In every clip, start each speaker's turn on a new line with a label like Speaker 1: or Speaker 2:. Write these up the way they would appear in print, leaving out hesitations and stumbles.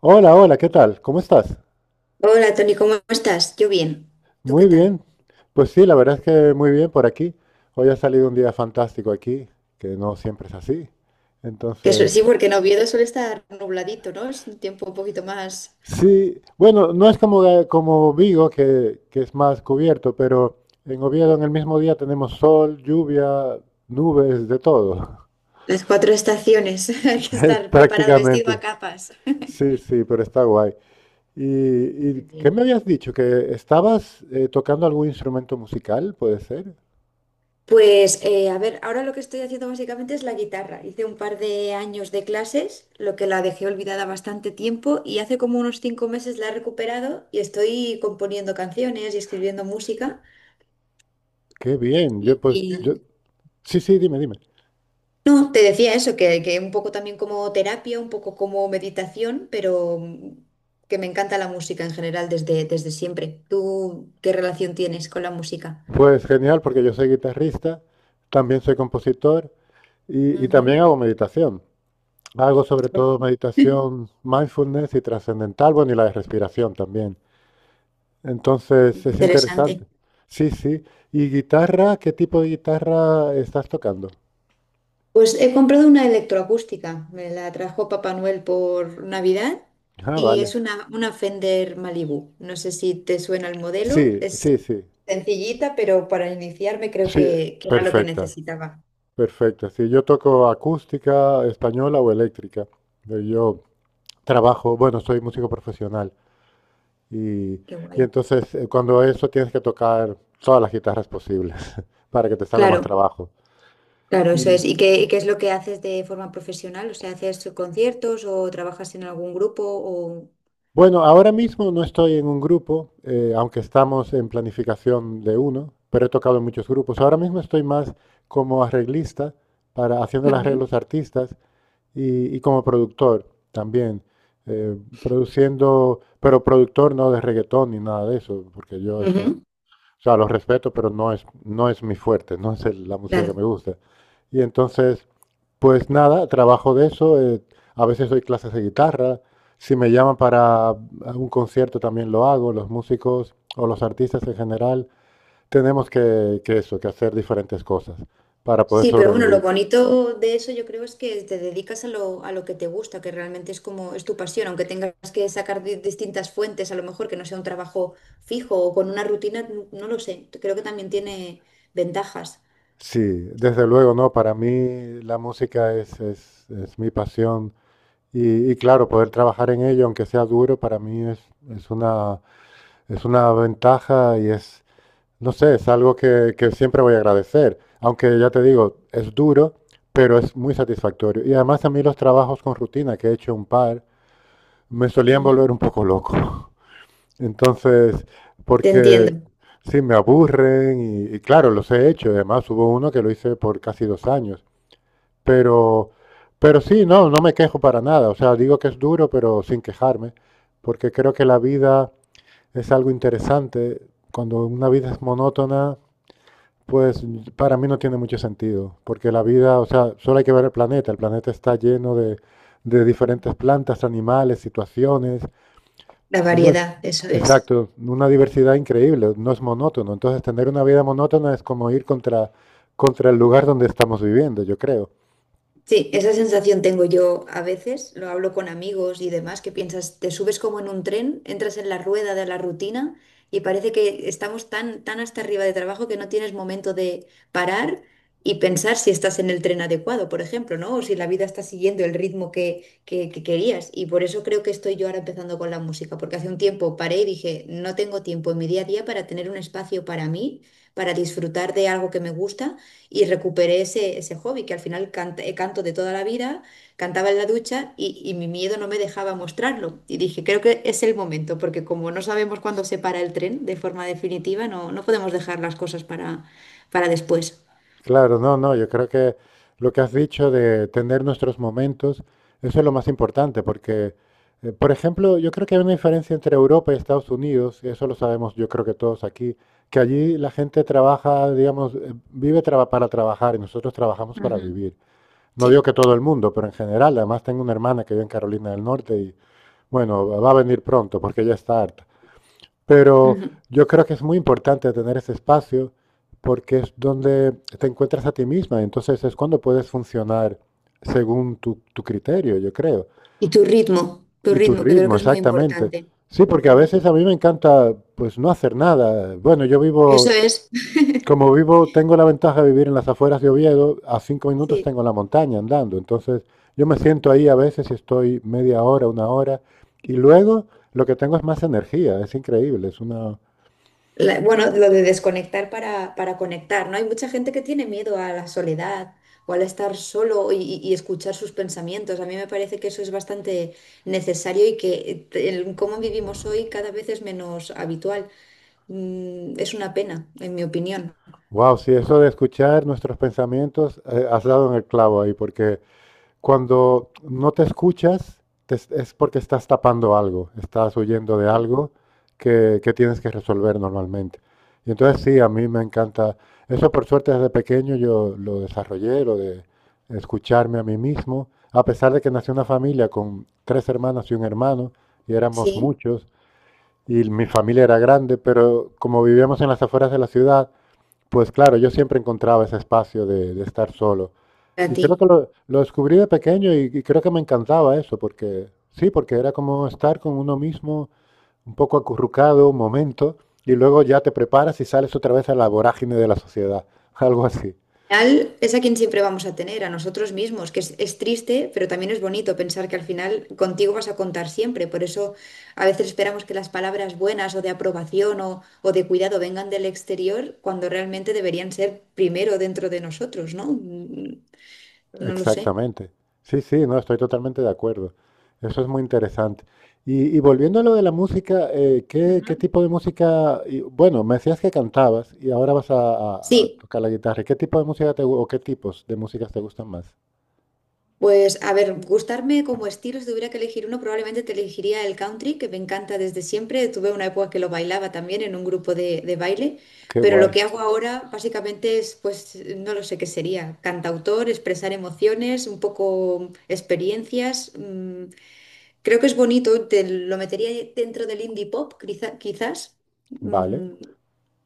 Speaker 1: Hola, hola, ¿qué tal? ¿Cómo estás?
Speaker 2: Hola Tony, ¿cómo estás? Yo bien. ¿Tú
Speaker 1: Muy
Speaker 2: qué tal?
Speaker 1: bien. Pues sí, la verdad es que muy bien por aquí. Hoy ha salido un día fantástico aquí, que no siempre es así.
Speaker 2: Sí,
Speaker 1: Entonces,
Speaker 2: porque en Oviedo suele estar nubladito, ¿no? Es un tiempo un poquito más.
Speaker 1: sí, bueno, no es como como Vigo, que es más cubierto, pero en Oviedo en el mismo día tenemos sol, lluvia, nubes, de todo.
Speaker 2: Las cuatro estaciones. Hay que
Speaker 1: Eh,
Speaker 2: estar preparado, vestido a
Speaker 1: Prácticamente.
Speaker 2: capas.
Speaker 1: Sí, sí, pero está guay. ¿Y
Speaker 2: Muy
Speaker 1: qué me
Speaker 2: bien.
Speaker 1: habías dicho? ¿Que estabas tocando algún instrumento musical, puede ser?
Speaker 2: Pues a ver, ahora lo que estoy haciendo básicamente es la guitarra. Hice un par de años de clases, lo que la dejé olvidada bastante tiempo y hace como unos 5 meses la he recuperado y estoy componiendo canciones y escribiendo música.
Speaker 1: Qué bien.
Speaker 2: Y,
Speaker 1: Yo, pues,
Speaker 2: y
Speaker 1: yo, sí, sí, dime.
Speaker 2: No, te decía eso, que un poco también como terapia, un poco como meditación, que me encanta la música en general desde siempre. ¿Tú qué relación tienes con la música?
Speaker 1: Pues genial, porque yo soy guitarrista, también soy compositor y también
Speaker 2: Ujú.
Speaker 1: hago meditación. Hago sobre todo meditación mindfulness y trascendental, bueno, y la de respiración también. Entonces es
Speaker 2: Interesante.
Speaker 1: interesante. Sí, sí. ¿Y guitarra? ¿Qué tipo de guitarra estás tocando?
Speaker 2: Pues he comprado una electroacústica, me la trajo Papá Noel por Navidad
Speaker 1: Ah,
Speaker 2: y
Speaker 1: vale.
Speaker 2: es una Fender Malibu. No sé si te suena el modelo,
Speaker 1: Sí,
Speaker 2: es
Speaker 1: sí, sí.
Speaker 2: sencillita, pero para iniciarme creo
Speaker 1: Sí,
Speaker 2: que era lo que
Speaker 1: perfecta,
Speaker 2: necesitaba.
Speaker 1: perfecta. Sí, yo toco acústica, española o eléctrica. Yo trabajo, bueno, soy músico profesional y
Speaker 2: Qué guay.
Speaker 1: entonces cuando eso tienes que tocar todas las guitarras posibles para que te salga más
Speaker 2: Claro.
Speaker 1: trabajo.
Speaker 2: Claro, eso
Speaker 1: Y
Speaker 2: es. Y qué es lo que haces de forma profesional? O sea, ¿haces conciertos o trabajas en algún grupo? O...
Speaker 1: bueno, ahora mismo no estoy en un grupo, aunque estamos en planificación de uno, pero he tocado en muchos grupos. Ahora mismo estoy más como arreglista, haciendo los
Speaker 2: Ujú,
Speaker 1: arreglos a artistas y como productor también. Produciendo, pero productor no de reggaetón ni nada de eso, porque yo eso...
Speaker 2: ujú,
Speaker 1: O sea, los respeto, pero no es mi fuerte, no es la música que
Speaker 2: claro.
Speaker 1: me gusta. Y entonces, pues nada, trabajo de eso. A veces doy clases de guitarra. Si me llaman para un concierto también lo hago. Los músicos o los artistas en general tenemos que hacer diferentes cosas para poder
Speaker 2: Sí, pero bueno, lo
Speaker 1: sobrevivir.
Speaker 2: bonito de eso yo creo es que te dedicas a lo que te gusta, que realmente es como es tu pasión, aunque tengas que sacar de distintas fuentes, a lo mejor que no sea un trabajo fijo o con una rutina, no lo sé. Creo que también tiene ventajas.
Speaker 1: Sí, desde luego, no. Para mí la música es mi pasión y claro, poder trabajar en ello, aunque sea duro, para mí es una Es una ventaja y es no sé, es algo que siempre voy a agradecer. Aunque ya te digo, es duro, pero es muy satisfactorio. Y además a mí los trabajos con rutina, que he hecho un par, me solían
Speaker 2: Ujú,
Speaker 1: volver un poco loco. Entonces,
Speaker 2: te
Speaker 1: porque
Speaker 2: entiendo.
Speaker 1: sí, me aburren y claro, los he hecho. Además hubo uno que lo hice por casi 2 años. Pero, pero sí, no, no me quejo para nada. O sea, digo que es duro, pero sin quejarme, porque creo que la vida es algo interesante. Cuando una vida es monótona, pues para mí no tiene mucho sentido, porque la vida, o sea, solo hay que ver el planeta está lleno de diferentes plantas, animales, situaciones.
Speaker 2: La
Speaker 1: No es,
Speaker 2: variedad, eso es.
Speaker 1: exacto, una diversidad increíble, no es monótono. Entonces tener una vida monótona es como ir contra el lugar donde estamos viviendo, yo creo.
Speaker 2: Sí, esa sensación tengo yo a veces, lo hablo con amigos y demás, que piensas, te subes como en un tren, entras en la rueda de la rutina y parece que estamos tan hasta arriba de trabajo que no tienes momento de parar y pensar si estás en el tren adecuado, por ejemplo, ¿no? O si la vida está siguiendo el ritmo que querías. Y por eso creo que estoy yo ahora empezando con la música, porque hace un tiempo paré y dije, no tengo tiempo en mi día a día para tener un espacio para mí, para disfrutar de algo que me gusta y recuperé ese hobby que al final canto de toda la vida, cantaba en la ducha y mi miedo no me dejaba mostrarlo. Y dije, creo que es el momento, porque como no sabemos cuándo se para el tren de forma definitiva, no podemos dejar las cosas para después.
Speaker 1: Claro, no, no, yo creo que lo que has dicho de tener nuestros momentos, eso es lo más importante, porque, por ejemplo, yo creo que hay una diferencia entre Europa y Estados Unidos, y eso lo sabemos yo creo que todos aquí, que allí la gente trabaja, digamos, para trabajar y nosotros trabajamos para
Speaker 2: Ujú.
Speaker 1: vivir. No digo
Speaker 2: Sí.
Speaker 1: que todo el mundo, pero en general, además tengo una hermana que vive en Carolina del Norte y, bueno, va a venir pronto porque ya está harta. Pero
Speaker 2: Ujú.
Speaker 1: yo creo que es muy importante tener ese espacio porque es donde te encuentras a ti misma. Entonces es cuando puedes funcionar según tu criterio, yo creo.
Speaker 2: Y tu
Speaker 1: Y tu
Speaker 2: ritmo, que creo
Speaker 1: ritmo,
Speaker 2: que es muy
Speaker 1: exactamente.
Speaker 2: importante.
Speaker 1: Sí, porque a
Speaker 2: Ujú.
Speaker 1: veces a mí me encanta pues no hacer nada. Bueno, yo
Speaker 2: Eso
Speaker 1: vivo,
Speaker 2: es.
Speaker 1: como vivo, tengo la ventaja de vivir en las afueras de Oviedo, a 5 minutos
Speaker 2: Sí.
Speaker 1: tengo la montaña andando. Entonces yo me siento ahí a veces y estoy media hora, una hora, y luego lo que tengo es más energía, es increíble, es una...
Speaker 2: Bueno, lo de desconectar para conectar, ¿no? Hay mucha gente que tiene miedo a la soledad o al estar solo y escuchar sus pensamientos. A mí me parece que eso es bastante necesario y que el cómo vivimos hoy cada vez es menos habitual. Es una pena, en mi opinión.
Speaker 1: Wow, sí, eso de escuchar nuestros pensamientos, has dado en el clavo ahí, porque cuando no te escuchas, te es porque estás tapando algo, estás huyendo de
Speaker 2: Mm.
Speaker 1: algo que tienes que resolver normalmente. Y entonces sí, a mí me encanta, eso por suerte desde pequeño yo lo desarrollé, lo de escucharme a mí mismo, a pesar de que nací en una familia con tres hermanas y un hermano, y éramos
Speaker 2: Sí,
Speaker 1: muchos, y mi familia era grande, pero como vivíamos en las afueras de la ciudad, pues claro, yo siempre encontraba ese espacio de estar solo.
Speaker 2: a
Speaker 1: Y
Speaker 2: ti.
Speaker 1: creo que lo descubrí de pequeño y creo que me encantaba eso, porque sí, porque era como estar con uno mismo un poco acurrucado un momento y luego ya te preparas y sales otra vez a la vorágine de la sociedad, algo así.
Speaker 2: Final es a quien siempre vamos a tener, a nosotros mismos, es triste, pero también es bonito pensar que al final contigo vas a contar siempre. Por eso a veces esperamos que las palabras buenas o de aprobación o de cuidado vengan del exterior cuando realmente deberían ser primero dentro de nosotros, ¿no? No lo sé.
Speaker 1: Exactamente. Sí, sí, no, estoy totalmente de acuerdo. Eso es muy interesante. Y volviendo a lo de la música, ¿qué
Speaker 2: Ujú.
Speaker 1: tipo de música? Y, bueno, me decías que cantabas y ahora vas a
Speaker 2: Sí,
Speaker 1: tocar la guitarra. ¿Qué tipo de música o qué tipos de músicas te gustan más?
Speaker 2: pues a ver, gustarme como estilo, si tuviera que elegir uno, probablemente te elegiría el country, que me encanta desde siempre. Tuve una época que lo bailaba también en un grupo de baile,
Speaker 1: Qué
Speaker 2: pero lo
Speaker 1: guay.
Speaker 2: que hago ahora básicamente es, pues no lo sé qué sería, cantautor, expresar emociones, un poco experiencias. Creo que es bonito, te lo metería dentro del indie pop, quizás.
Speaker 1: Vale.
Speaker 2: mm,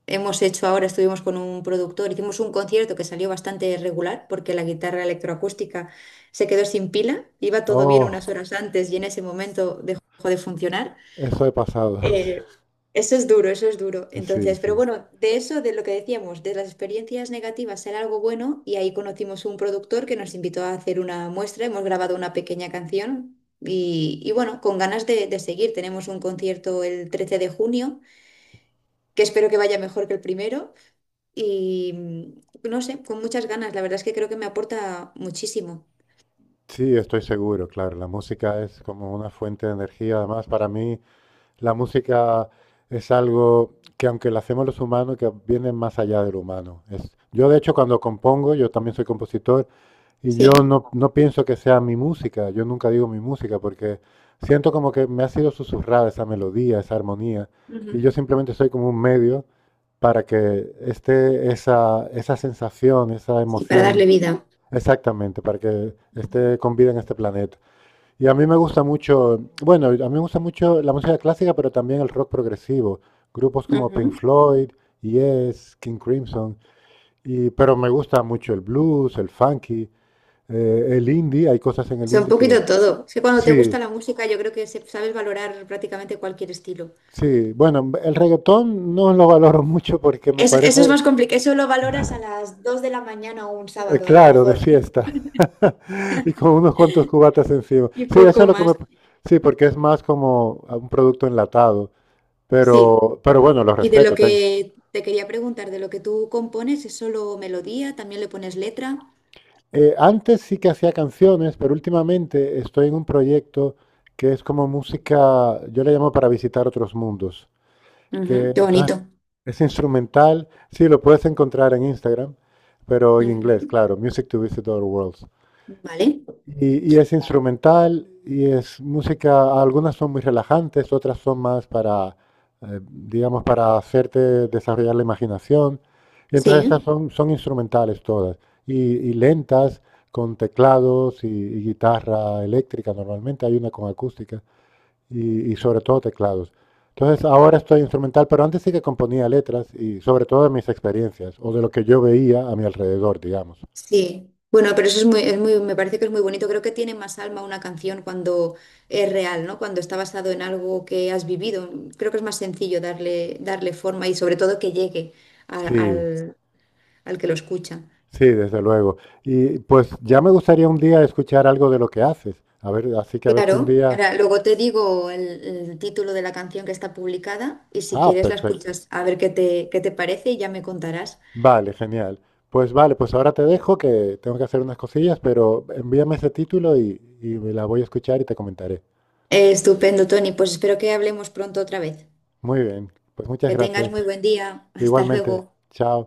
Speaker 2: Hemos hecho ahora, estuvimos con un productor, hicimos un concierto que salió bastante regular porque la guitarra electroacústica se quedó sin pila, iba todo bien unas
Speaker 1: Oh,
Speaker 2: horas antes y en ese momento dejó de funcionar.
Speaker 1: eso he pasado.
Speaker 2: Eh, Eso es duro, eso es duro.
Speaker 1: Sí,
Speaker 2: Entonces, pero
Speaker 1: sí.
Speaker 2: bueno, de eso, de lo que decíamos, de las experiencias negativas, ser algo bueno y ahí conocimos un productor que nos invitó a hacer una muestra, hemos grabado una pequeña canción. Y bueno, con ganas de seguir. Tenemos un concierto el 13 de junio, que espero que vaya mejor que el primero y no sé, con muchas ganas. La verdad es que creo que me aporta muchísimo.
Speaker 1: Sí, estoy seguro, claro. La música es como una fuente de energía. Además, para mí, la música es algo que aunque la hacemos los humanos, que viene más allá del humano. Yo de hecho cuando compongo, yo también soy compositor y yo
Speaker 2: Sí,
Speaker 1: no pienso que sea mi música, yo nunca digo mi música porque siento como que me ha sido susurrada esa melodía, esa armonía y
Speaker 2: ujú.
Speaker 1: yo simplemente soy como un medio para que esté esa sensación, esa
Speaker 2: Sí, para
Speaker 1: emoción,
Speaker 2: darle vida.
Speaker 1: exactamente, para que
Speaker 2: Ujú,
Speaker 1: esté con vida en este planeta. Y a mí me gusta mucho, bueno, a mí me gusta mucho la música clásica, pero también el rock progresivo. Grupos como Pink
Speaker 2: ujú.
Speaker 1: Floyd, Yes, King Crimson. Y, pero me gusta mucho el blues, el funky, el indie. Hay cosas en
Speaker 2: O
Speaker 1: el
Speaker 2: sea, un
Speaker 1: indie que...
Speaker 2: poquito todo. Es que cuando te
Speaker 1: Sí,
Speaker 2: gusta la música, yo creo que sabes valorar prácticamente cualquier estilo.
Speaker 1: sí. Bueno, el reggaetón no lo valoro mucho porque me parece,
Speaker 2: Eso es más complicado. Eso lo valoras a las 2 de la mañana o un sábado, a lo
Speaker 1: claro, de
Speaker 2: mejor.
Speaker 1: fiesta. Y con unos cuantos cubatas encima.
Speaker 2: Y
Speaker 1: Sí, eso es
Speaker 2: poco
Speaker 1: lo que me...
Speaker 2: más.
Speaker 1: Sí, porque es más como un producto enlatado.
Speaker 2: Sí.
Speaker 1: Pero bueno, lo
Speaker 2: Y de lo
Speaker 1: respeto, tengo.
Speaker 2: que te quería preguntar, de lo que tú compones, ¿es solo melodía? ¿También le pones letra?
Speaker 1: Antes sí que hacía canciones, pero últimamente estoy en un proyecto que es como música, yo le llamo para visitar otros mundos, que
Speaker 2: Ujú, qué
Speaker 1: entonces
Speaker 2: bonito.
Speaker 1: es instrumental, sí, lo puedes encontrar en Instagram, pero en inglés,
Speaker 2: Ujú.
Speaker 1: claro, Music to Visit Other Worlds.
Speaker 2: Vale.
Speaker 1: Y es instrumental y es música, algunas son muy relajantes, otras son más para, digamos, para hacerte desarrollar la imaginación. Y entonces estas
Speaker 2: Sí.
Speaker 1: son instrumentales todas y lentas con teclados y guitarra eléctrica normalmente, hay una con acústica y sobre todo teclados. Entonces ahora estoy instrumental, pero antes sí que componía letras y sobre todo de mis experiencias o de lo que yo veía a mi alrededor, digamos.
Speaker 2: Sí, bueno, pero eso es muy, me parece que es muy bonito. Creo que tiene más alma una canción cuando es real, ¿no? Cuando está basado en algo que has vivido. Creo que es más sencillo darle forma y sobre todo que llegue a-
Speaker 1: Sí.
Speaker 2: al, al que lo escucha.
Speaker 1: Sí, desde luego. Y pues ya me gustaría un día escuchar algo de lo que haces. A ver, así que a ver si un
Speaker 2: Claro,
Speaker 1: día...
Speaker 2: ahora luego te digo el título de la canción que está publicada y si
Speaker 1: Ah,
Speaker 2: quieres la
Speaker 1: perfecto.
Speaker 2: escuchas a ver qué qué te parece y ya me contarás.
Speaker 1: Vale, genial. Pues vale, pues ahora te dejo que tengo que hacer unas cosillas, pero envíame ese título y me la voy a escuchar y te comentaré.
Speaker 2: Estupendo, Tony. Pues espero que hablemos pronto otra vez.
Speaker 1: Muy bien, pues muchas
Speaker 2: Que tengas
Speaker 1: gracias.
Speaker 2: muy buen día. Hasta
Speaker 1: Igualmente,
Speaker 2: luego.
Speaker 1: chao.